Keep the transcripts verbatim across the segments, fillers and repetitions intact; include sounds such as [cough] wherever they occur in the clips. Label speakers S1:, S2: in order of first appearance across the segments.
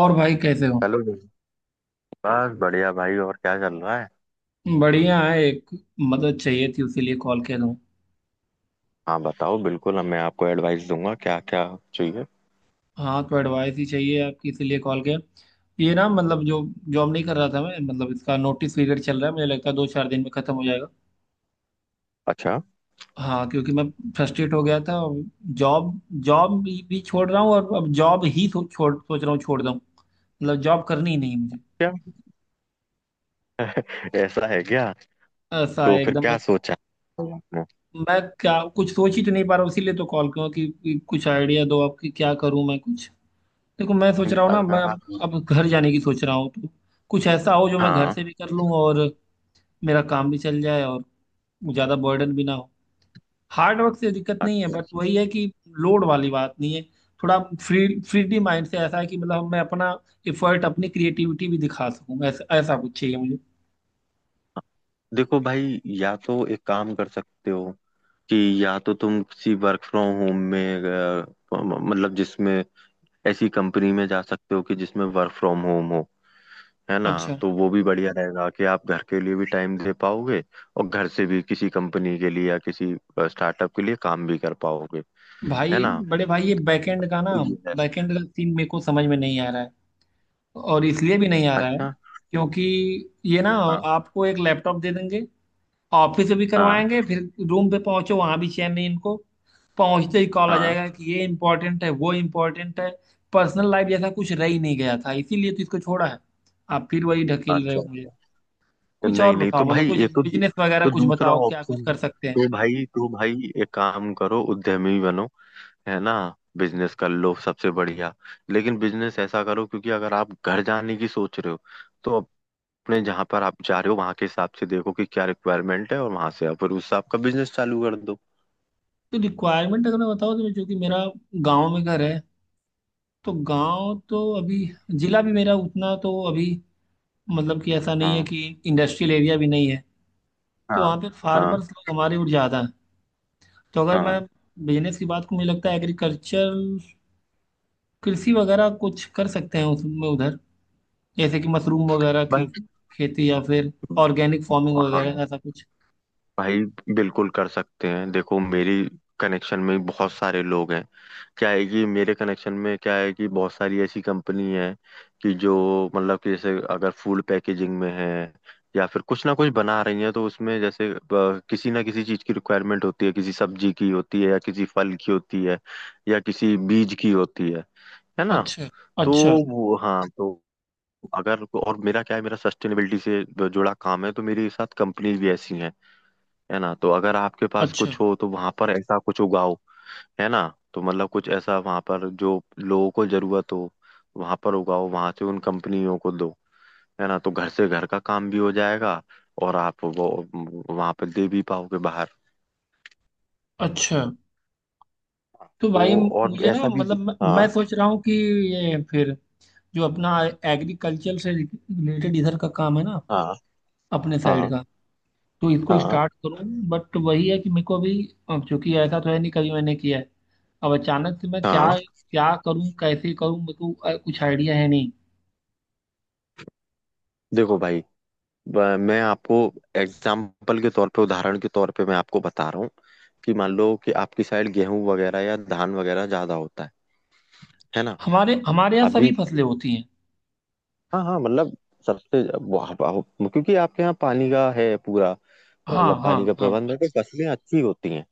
S1: और भाई कैसे हो?
S2: चलो। बस बढ़िया भाई। और क्या चल रहा है?
S1: बढ़िया है। एक मदद चाहिए थी उसीलिए कॉल किया तुम।
S2: हाँ बताओ, बिल्कुल मैं आपको एडवाइस दूंगा। क्या क्या चाहिए?
S1: हाँ, तो एडवाइस ही चाहिए आपकी, इसीलिए कॉल किया। ये ना, मतलब जो जॉब नहीं कर रहा था मैं, मतलब इसका नोटिस पीरियड चल रहा है, मुझे लगता है दो चार दिन में खत्म हो जाएगा।
S2: अच्छा।
S1: हाँ, क्योंकि मैं फ्रस्ट्रेट हो गया था। जॉब जॉब भी भी छोड़ रहा हूँ और अब जॉब ही सो, छोड़ सोच रहा हूँ छोड़ दूँ, मतलब जॉब करनी ही नहीं मुझे।
S2: क्या? ऐसा है क्या?
S1: ऐसा
S2: तो
S1: है
S2: फिर
S1: एकदम मैं।
S2: क्या सोचा है आपने?
S1: मैं क्या कुछ सोच ही तो नहीं पा रहा हूँ, इसीलिए तो कॉल किया कि कि कुछ आइडिया दो आपकी, क्या करूँ मैं कुछ। देखो, मैं सोच
S2: कि
S1: रहा हूँ ना, मैं
S2: अगर
S1: अब
S2: आप।
S1: अब घर जाने की सोच रहा हूँ, तो कुछ ऐसा हो जो मैं घर
S2: हाँ।
S1: से भी कर लूँ और मेरा काम भी चल जाए और ज़्यादा बर्डन भी ना हो। हार्ड वर्क से दिक्कत नहीं है,
S2: अच्छा।
S1: बट वही है कि लोड वाली बात नहीं है। थोड़ा फ्री फ्रीडी माइंड से, ऐसा है कि मतलब मैं अपना एफर्ट, अपनी क्रिएटिविटी भी दिखा सकूँ, ऐसा ऐसा कुछ चाहिए मुझे।
S2: देखो भाई, या तो एक काम कर सकते हो कि या तो तुम किसी वर्क फ्रॉम होम में, अ, मतलब जिसमें ऐसी कंपनी में जा सकते हो कि जिसमें वर्क फ्रॉम होम हो। है ना?
S1: अच्छा।
S2: तो वो भी बढ़िया रहेगा कि आप घर के लिए भी टाइम दे पाओगे, और घर से भी किसी कंपनी के लिए या किसी स्टार्टअप के लिए काम भी कर पाओगे। है
S1: भाई
S2: ना?
S1: बड़े भाई, ये बैकएंड का ना,
S2: तो ये है।
S1: बैकएंड का सीन मेरे को समझ में नहीं आ रहा है, और इसलिए भी नहीं आ रहा है
S2: अच्छा।
S1: क्योंकि ये ना,
S2: हाँ,
S1: आपको एक लैपटॉप दे देंगे, ऑफिस में भी
S2: हाँ,
S1: करवाएंगे, फिर रूम पे पहुंचो वहां भी चैन नहीं इनको, पहुंचते ही कॉल आ
S2: हाँ।
S1: जाएगा कि ये इम्पोर्टेंट है वो इम्पोर्टेंट है। पर्सनल लाइफ जैसा कुछ रह ही नहीं गया था, इसीलिए तो इसको छोड़ा है। आप फिर वही ढकेल रहे
S2: अच्छा,
S1: हो मुझे।
S2: अच्छा। तो
S1: कुछ और
S2: नहीं, नहीं, तो
S1: बताओ, मतलब
S2: भाई
S1: कुछ
S2: ये तो
S1: बिजनेस वगैरह
S2: तो
S1: कुछ
S2: दूसरा
S1: बताओ, क्या कुछ
S2: ऑप्शन है।
S1: कर सकते हैं।
S2: तो भाई तो भाई एक काम करो, उद्यमी बनो। है ना? बिजनेस कर लो, सबसे बढ़िया। लेकिन बिजनेस ऐसा करो क्योंकि अगर आप घर जाने की सोच रहे हो, तो अपने जहाँ पर आप जा रहे हो वहाँ के हिसाब से देखो कि क्या रिक्वायरमेंट है, और वहां से आप फिर उस हिसाब का बिजनेस चालू कर दो।
S1: तो रिक्वायरमेंट अगर मैं बताऊँ, तो चूंकि मेरा गांव में घर है, तो गांव तो अभी, जिला भी मेरा उतना तो अभी, मतलब कि ऐसा नहीं है
S2: हाँ,
S1: कि इंडस्ट्रियल एरिया भी नहीं है, तो
S2: हाँ,
S1: वहाँ पे
S2: हाँ,
S1: फार्मर्स लोग हमारे और ज़्यादा हैं। तो अगर मैं
S2: हाँ
S1: बिजनेस की बात को, मुझे लगता है एग्रीकल्चर, कृषि वगैरह कुछ कर सकते हैं उसमें उधर, जैसे कि मशरूम वगैरह की
S2: भाई,
S1: खेती, या फिर ऑर्गेनिक फार्मिंग
S2: हाँ
S1: वगैरह ऐसा कुछ।
S2: भाई, बिल्कुल कर सकते हैं। देखो, मेरी कनेक्शन में बहुत सारे लोग हैं। क्या है कि मेरे कनेक्शन में क्या है कि बहुत सारी ऐसी कंपनी है कि जो, मतलब कि जैसे अगर फूड पैकेजिंग में है या फिर कुछ ना कुछ बना रही है, तो उसमें जैसे अ, किसी ना किसी चीज़ की रिक्वायरमेंट होती है, किसी सब्जी की होती है, या किसी फल की होती है, या किसी बीज की होती है। है ना?
S1: अच्छा,
S2: तो
S1: अच्छा,
S2: वो, हाँ, तो अगर और मेरा क्या है, मेरा सस्टेनेबिलिटी से जुड़ा काम है, तो मेरे साथ कंपनीज भी ऐसी हैं। है ना? तो अगर आपके पास
S1: अच्छा,
S2: कुछ हो, तो वहां पर ऐसा कुछ उगाओ। है ना? तो मतलब कुछ ऐसा वहां पर जो लोगों को जरूरत हो, वहां पर उगाओ, वहां से उन कंपनियों को दो। है ना? तो घर से घर का काम भी हो जाएगा, और आप वो वहां पर दे भी पाओगे बाहर।
S1: अच्छा। तो
S2: तो
S1: भाई,
S2: और
S1: मुझे ना,
S2: ऐसा भी।
S1: मतलब मैं मैं
S2: हाँ,
S1: सोच रहा हूँ कि ये फिर जो अपना एग्रीकल्चर से रिलेटेड इधर का काम है ना,
S2: हाँ,
S1: अपने साइड
S2: हाँ,
S1: का, तो इसको
S2: हाँ,
S1: स्टार्ट करूं। बट वही है कि मेरे को अभी, अब चूंकि ऐसा तो है नहीं कभी मैंने किया है, अब अचानक से मैं क्या
S2: हाँ।
S1: क्या करूं, कैसे करूं, मेरे को अ, कुछ आइडिया है नहीं।
S2: देखो भाई, ब- मैं आपको एग्जाम्पल के तौर पे, उदाहरण के तौर पे मैं आपको बता रहा हूँ कि मान लो कि आपकी साइड गेहूं वगैरह या धान वगैरह ज्यादा होता है। है ना?
S1: हमारे हमारे यहाँ सभी
S2: अभी।
S1: फसलें होती हैं।
S2: हाँ, हाँ, मतलब सबसे, वाह, वाह, क्योंकि आपके यहाँ पानी का है पूरा,
S1: हाँ,
S2: मतलब
S1: हाँ,
S2: पानी का
S1: हाँ।
S2: प्रबंध है तो फसलें अच्छी होती हैं।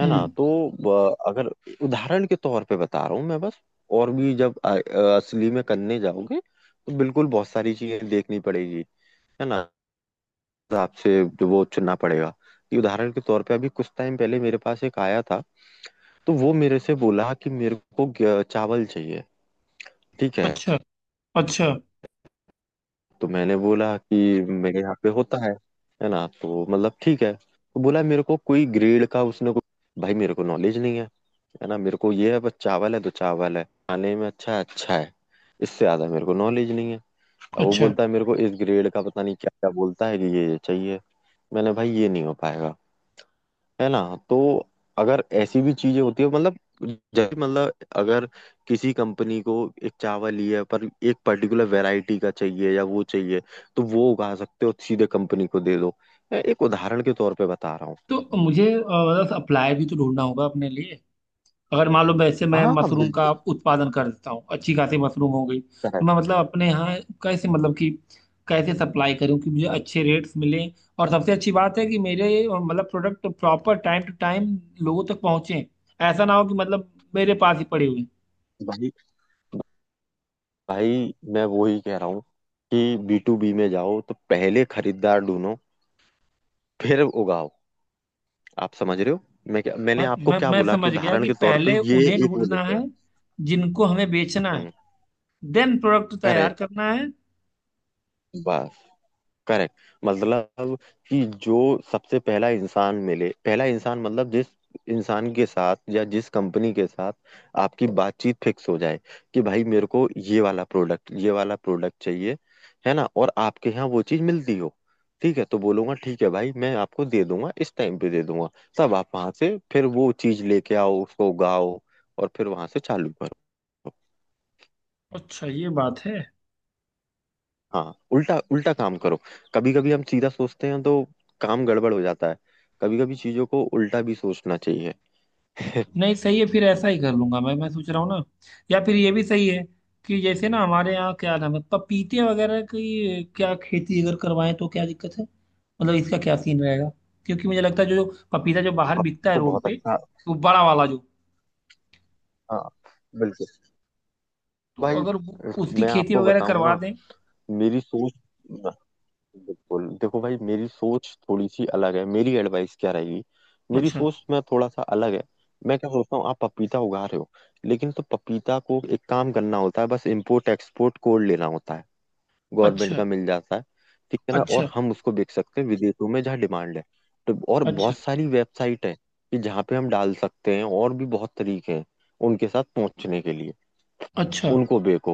S2: है ना?
S1: हम्म।
S2: तो ब- अगर, उदाहरण के तौर पे बता रहा हूँ मैं बस, और भी जब अ- अ- असली में करने जाओगे तो बिल्कुल बहुत सारी चीजें देखनी पड़ेगी। है ना? आपसे जो वो चुनना पड़ेगा कि उदाहरण के तौर पे अभी कुछ टाइम पहले मेरे पास एक आया था, तो वो मेरे से बोला कि मेरे को ग- चावल चाहिए। ठीक है?
S1: अच्छा, अच्छा,
S2: तो मैंने बोला कि मेरे यहाँ पे होता है। है ना? तो मतलब ठीक है, तो बोला मेरे को कोई ग्रेड का, उसने को, भाई मेरे को नॉलेज नहीं है। है ना? मेरे को ये है बस, चावल है तो चावल है, खाने में अच्छा है, अच्छा है, इससे ज्यादा मेरे को नॉलेज नहीं है। अब वो
S1: अच्छा।
S2: बोलता है मेरे को इस ग्रेड का पता नहीं क्या क्या बोलता है कि ये ये चाहिए। मैंने, भाई ये नहीं हो पाएगा। है ना? तो अगर ऐसी भी चीजें होती है, मतलब जब, मतलब अगर किसी कंपनी को एक चावल ही है पर एक पर्टिकुलर वैरायटी का चाहिए या वो चाहिए, तो वो उगा सकते हो, सीधे कंपनी को दे दो। मैं एक उदाहरण के तौर पे बता रहा हूँ।
S1: तो मुझे अप्लाई भी तो ढूंढना होगा अपने लिए। अगर मान लो वैसे मैं
S2: हाँ, हाँ,
S1: मशरूम का
S2: बिल्कुल
S1: उत्पादन कर देता हूँ, अच्छी खासी मशरूम हो गई, तो
S2: करेक्ट।
S1: मैं मतलब अपने यहाँ कैसे, मतलब कि कैसे सप्लाई करूँ कि मुझे अच्छे रेट्स मिलें, और सबसे अच्छी बात है कि मेरे अ, मतलब product proper time to time लोगों तक पहुँचे, ऐसा ना हो कि मतलब मेरे पास ही पड़े हुए हैं।
S2: भाई, भाई मैं वो ही कह रहा हूँ कि बी टू बी में जाओ तो पहले खरीदार ढूंढो, फिर उगाओ। आप समझ रहे हो मैं क्या,
S1: मैं
S2: मैंने आपको
S1: मैं
S2: क्या
S1: मैं
S2: बोला कि
S1: समझ गया
S2: उदाहरण
S1: कि
S2: के तौर पे
S1: पहले
S2: ये
S1: उन्हें
S2: एक वो
S1: ढूंढना
S2: लेते
S1: है
S2: हैं।
S1: जिनको हमें बेचना है,
S2: हम्म।
S1: देन प्रोडक्ट तैयार
S2: करेक्ट,
S1: करना है।
S2: करेक्ट। मतलब कि जो सबसे पहला इंसान मिले, पहला इंसान मतलब जिस इंसान के साथ या जिस कंपनी के साथ आपकी बातचीत फिक्स हो जाए कि भाई मेरे को ये वाला प्रोडक्ट, ये वाला प्रोडक्ट चाहिए। है ना? और आपके यहाँ वो चीज़ मिलती हो, ठीक है, तो बोलूंगा ठीक है भाई, मैं आपको दे दूंगा, इस टाइम पे दे दूंगा। तब आप वहां से फिर वो चीज़ लेके आओ, उसको उगाओ, और फिर वहां से चालू करो।
S1: अच्छा, ये बात है।
S2: हाँ, उल्टा उल्टा काम करो। कभी कभी हम सीधा सोचते हैं तो काम गड़बड़ हो जाता है। कभी कभी चीजों को उल्टा भी सोचना चाहिए। [laughs]
S1: नहीं, सही है, फिर ऐसा ही कर लूंगा। मैं मैं सोच रहा हूँ ना, या फिर ये भी सही है कि जैसे ना हमारे यहाँ क्या नाम है, पपीते वगैरह की क्या खेती अगर करवाएं तो क्या दिक्कत है, मतलब इसका क्या सीन रहेगा? क्योंकि मुझे लगता है जो जो पपीता जो बाहर बिकता है
S2: आपको
S1: रोड
S2: बहुत
S1: पे,
S2: अच्छा।
S1: वो बड़ा वाला जो,
S2: हाँ, बिल्कुल।
S1: तो
S2: भाई,
S1: अगर वो- उसकी
S2: मैं
S1: खेती
S2: आपको
S1: वगैरह
S2: बताऊं
S1: करवा
S2: ना,
S1: दें।
S2: मेरी सोच, बिल्कुल देखो भाई, मेरी सोच थोड़ी सी अलग है, मेरी एडवाइस क्या रहेगी। मेरी
S1: अच्छा,
S2: सोच में थोड़ा सा अलग है। मैं क्या सोचता हूँ, आप पपीता उगा रहे हो, लेकिन तो पपीता को एक काम करना होता है, बस इम्पोर्ट एक्सपोर्ट कोड लेना होता है, गवर्नमेंट
S1: अच्छा,
S2: का मिल जाता है। ठीक है ना?
S1: अच्छा,
S2: और हम उसको बेच सकते हैं विदेशों में जहाँ डिमांड है। तो और
S1: अच्छा,
S2: बहुत सारी वेबसाइट है कि जहाँ पे हम डाल सकते हैं, और भी बहुत तरीके हैं उनके साथ पहुंचने के लिए।
S1: अच्छा।
S2: उनको बेको।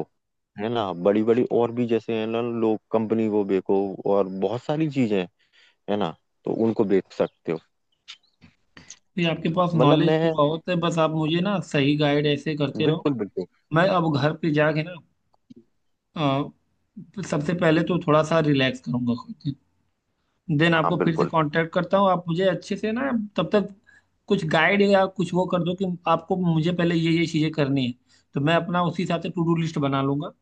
S2: है ना? बड़ी बड़ी और भी जैसे, है ना, लोग कंपनी को बेको, और बहुत सारी चीजें हैं। है ना? तो उनको बेच सकते हो।
S1: ये आपके पास
S2: मतलब
S1: नॉलेज तो
S2: मैं,
S1: बहुत है, बस आप मुझे ना सही गाइड ऐसे करते रहो।
S2: बिल्कुल, बिल्कुल।
S1: मैं अब घर पे जाके ना, अ, सबसे पहले तो थोड़ा सा रिलैक्स करूंगा खुद को, देन
S2: हाँ,
S1: आपको फिर से
S2: बिल्कुल।
S1: कांटेक्ट करता हूँ। आप मुझे अच्छे से ना, तब तक कुछ गाइड या कुछ वो कर दो, कि आपको मुझे पहले ये ये चीज़ें करनी है, तो मैं अपना उसी हिसाब से टू डू लिस्ट बना लूंगा,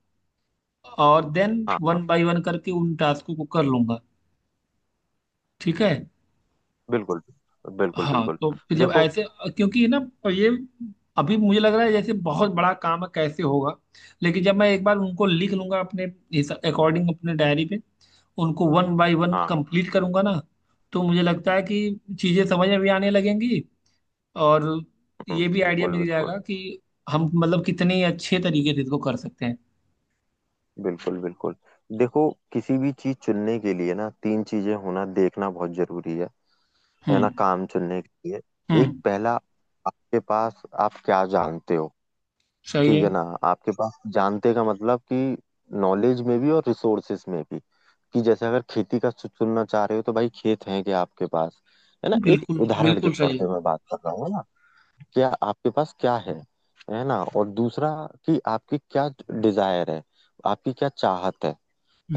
S1: और देन
S2: हाँ, हाँ,
S1: वन बाय वन करके उन टास्कों को कर लूंगा। ठीक है।
S2: बिल्कुल, बिल्कुल,
S1: हाँ,
S2: बिल्कुल,
S1: तो फिर जब
S2: देखो।
S1: ऐसे, क्योंकि ना तो ये अभी मुझे लग रहा है जैसे बहुत बड़ा काम है, कैसे होगा, लेकिन जब मैं एक बार उनको लिख लूंगा अपने, इस अकॉर्डिंग अपने डायरी पे, उनको वन बाय वन
S2: हाँ,
S1: कंप्लीट करूंगा ना, तो मुझे लगता है कि चीजें समझ में भी आने लगेंगी, और ये
S2: हम्म,
S1: भी आइडिया
S2: बिल्कुल,
S1: मिल
S2: बिल्कुल,
S1: जाएगा कि हम मतलब कितने अच्छे तरीके से इसको कर सकते हैं।
S2: बिल्कुल, बिल्कुल, देखो, किसी भी चीज चुनने के लिए ना तीन चीजें होना देखना बहुत जरूरी है। है ना?
S1: हम्म,
S2: काम चुनने के लिए। एक
S1: हम्म।
S2: पहला, आपके पास आप क्या जानते हो।
S1: सही
S2: ठीक
S1: है।
S2: है ना? आपके पास जानते का मतलब कि नॉलेज में भी और रिसोर्सेस में भी। कि जैसे अगर खेती का चु- चुनना चाह रहे हो तो भाई, खेत हैं क्या आपके पास? है ना? एक
S1: बिल्कुल,
S2: उदाहरण के
S1: बिल्कुल
S2: तौर
S1: सही है।
S2: पे मैं बात कर रहा हूँ। है ना? क्या आपके पास क्या है। है ना? और दूसरा, कि आपकी क्या डिजायर है, आपकी क्या चाहत है।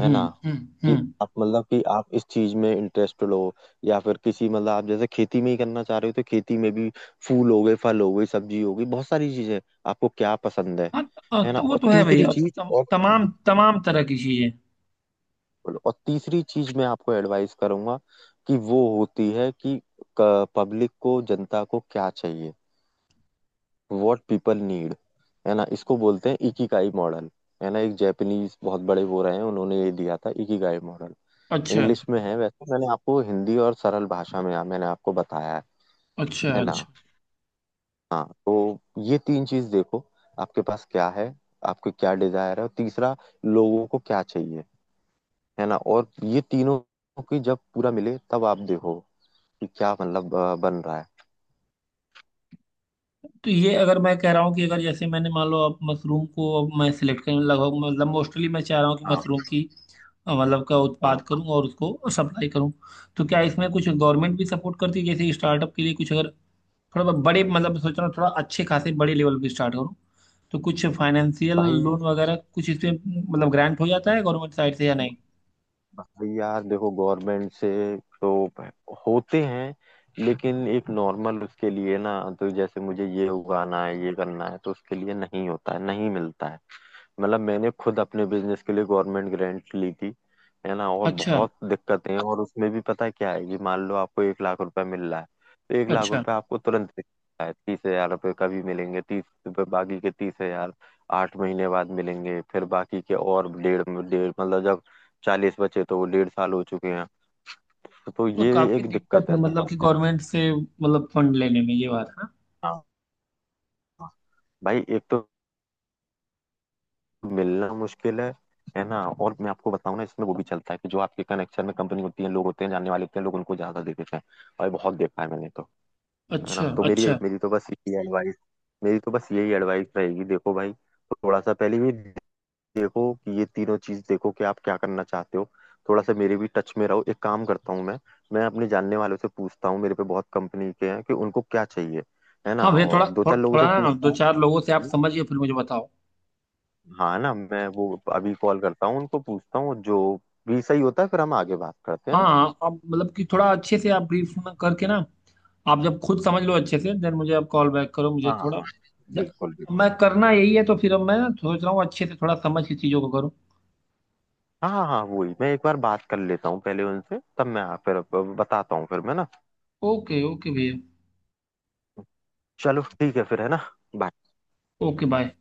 S2: है ना?
S1: हम्म,
S2: कि
S1: हम्म।
S2: आप मतलब कि आप इस चीज में इंटरेस्टेड हो, या फिर किसी, मतलब आप जैसे खेती में ही करना चाह रहे हो, तो खेती में भी फूल हो गए, फल हो गई, सब्जी हो गई, बहुत सारी चीजें, आपको क्या पसंद है।
S1: हाँ। अ,
S2: है ना?
S1: तो वो
S2: और
S1: तो है
S2: तीसरी
S1: भैया, तो
S2: चीज,
S1: तम,
S2: और बिल्कुल,
S1: तमाम
S2: बिल्कुल।
S1: तमाम तरह की चीजें।
S2: और तीसरी चीज मैं आपको एडवाइस करूंगा, कि वो होती है कि पब्लिक को, जनता को क्या चाहिए। What people need. है ना? इसको बोलते हैं इकिगाई मॉडल। है ना? एक जापानीज बहुत बड़े वो रहे हैं, उन्होंने ये दिया था, इकिगाई मॉडल।
S1: अच्छा,
S2: इंग्लिश में है वैसे, मैंने आपको हिंदी और सरल भाषा में मैंने आपको बताया है।
S1: अच्छा,
S2: है ना?
S1: अच्छा।
S2: हाँ, तो ये तीन चीज देखो। आपके पास क्या है, आपके क्या डिजायर है, और तीसरा लोगों को क्या चाहिए। है ना? और ये तीनों की जब पूरा मिले तब आप देखो कि क्या मतलब अ, बन रहा है।
S1: तो ये अगर मैं कह रहा हूँ कि अगर जैसे मैंने मान लो अब मशरूम को, अब मैं सिलेक्ट करूँ, लगभग मतलब मोस्टली मैं चाह रहा हूँ कि
S2: हाँ,
S1: मशरूम की अ, मतलब का उत्पाद
S2: हाँ
S1: करूँ और उसको सप्लाई करूँ, तो क्या इसमें कुछ गवर्नमेंट भी सपोर्ट करती है, जैसे स्टार्टअप के लिए कुछ, अगर थोड़ा बड़े मतलब सोच रहा हूँ थोड़ा अच्छे खासे बड़े लेवल पे स्टार्ट करूँ, तो कुछ फाइनेंशियल
S2: भाई।
S1: लोन वगैरह कुछ इसमें, मतलब ग्रांट हो जाता है गवर्नमेंट साइड से या नहीं?
S2: भाई यार, देखो, गवर्नमेंट से तो होते हैं, लेकिन एक नॉर्मल उसके लिए ना, तो जैसे मुझे ये उगाना है, ये करना है, तो उसके लिए नहीं होता है, नहीं मिलता है। मतलब मैंने खुद अपने बिजनेस के लिए गवर्नमेंट ग्रांट ली थी। है ना? और
S1: अच्छा,
S2: बहुत दिक्कतें हैं, और उसमें भी पता है क्या है कि मान लो आपको एक लाख रुपए मिल रहा है, तो एक लाख
S1: अच्छा।
S2: रुपए आपको तुरंत मिलता है, तीस हजार रुपये कभी मिलेंगे, तीस रुपये बाकी के तीस हजार आठ महीने बाद मिलेंगे, फिर बाकी के और डेढ़ डेढ़ मतलब जब चालीस बचे तो वो डेढ़ साल हो चुके हैं। तो, तो
S1: मतलब
S2: ये
S1: काफी
S2: एक
S1: दिक्कत
S2: दिक्कत
S1: है,
S2: है,
S1: मतलब कि
S2: समस्या।
S1: गवर्नमेंट से मतलब फंड लेने में, ये बात है ना।
S2: हाँ, हाँ, भाई एक तो मिलना मुश्किल है। है ना? और मैं आपको बताऊं ना, इसमें वो भी चलता है कि जो आपके कनेक्शन में कंपनी होती है, लोग होते हैं, जानने वाले होते हैं, लोग उनको ज्यादा दे देते हैं। और ये बहुत देखा है मैंने तो। है
S1: अच्छा,
S2: ना? तो मेरी
S1: अच्छा।
S2: मेरी तो बस यही एडवाइस, मेरी तो बस यही एडवाइस रहेगी। देखो भाई, थोड़ा सा पहले भी देखो कि ये तीनों चीज देखो कि आप क्या करना चाहते हो। थोड़ा सा मेरे भी टच में रहो, एक काम करता हूँ मैं मैं अपने जानने वालों से पूछता हूँ, मेरे पे बहुत कंपनी के हैं, कि उनको क्या चाहिए। है ना?
S1: हाँ भैया,
S2: और
S1: थोड़ा
S2: दो
S1: थो,
S2: चार लोगों से
S1: थोड़ा ना
S2: पूछता
S1: दो
S2: हूँ।
S1: चार लोगों से आप
S2: है ना?
S1: समझिए फिर मुझे बताओ।
S2: हाँ ना, मैं वो अभी कॉल करता हूँ उनको, पूछता हूँ, जो भी सही होता है फिर हम आगे बात करते हैं ना।
S1: हाँ, आप मतलब कि थोड़ा अच्छे से आप ब्रीफ में करके ना, आप जब खुद समझ लो अच्छे से देन मुझे आप कॉल बैक करो, मुझे
S2: हाँ, हाँ,
S1: थोड़ा
S2: हाँ,
S1: ज-
S2: बिल्कुल, बिल्कुल।
S1: मैं करना यही है, तो फिर अब मैं ना सोच रहा हूँ अच्छे से थोड़ा समझ के चीज़ों को करूँ।
S2: हाँ, हाँ, हाँ, वही मैं एक बार बात कर लेता हूँ पहले उनसे, तब मैं फिर बताता हूँ फिर मैं ना।
S1: ओके, ओके भैया।
S2: चलो ठीक है फिर, है ना? bye।
S1: Okay, bye.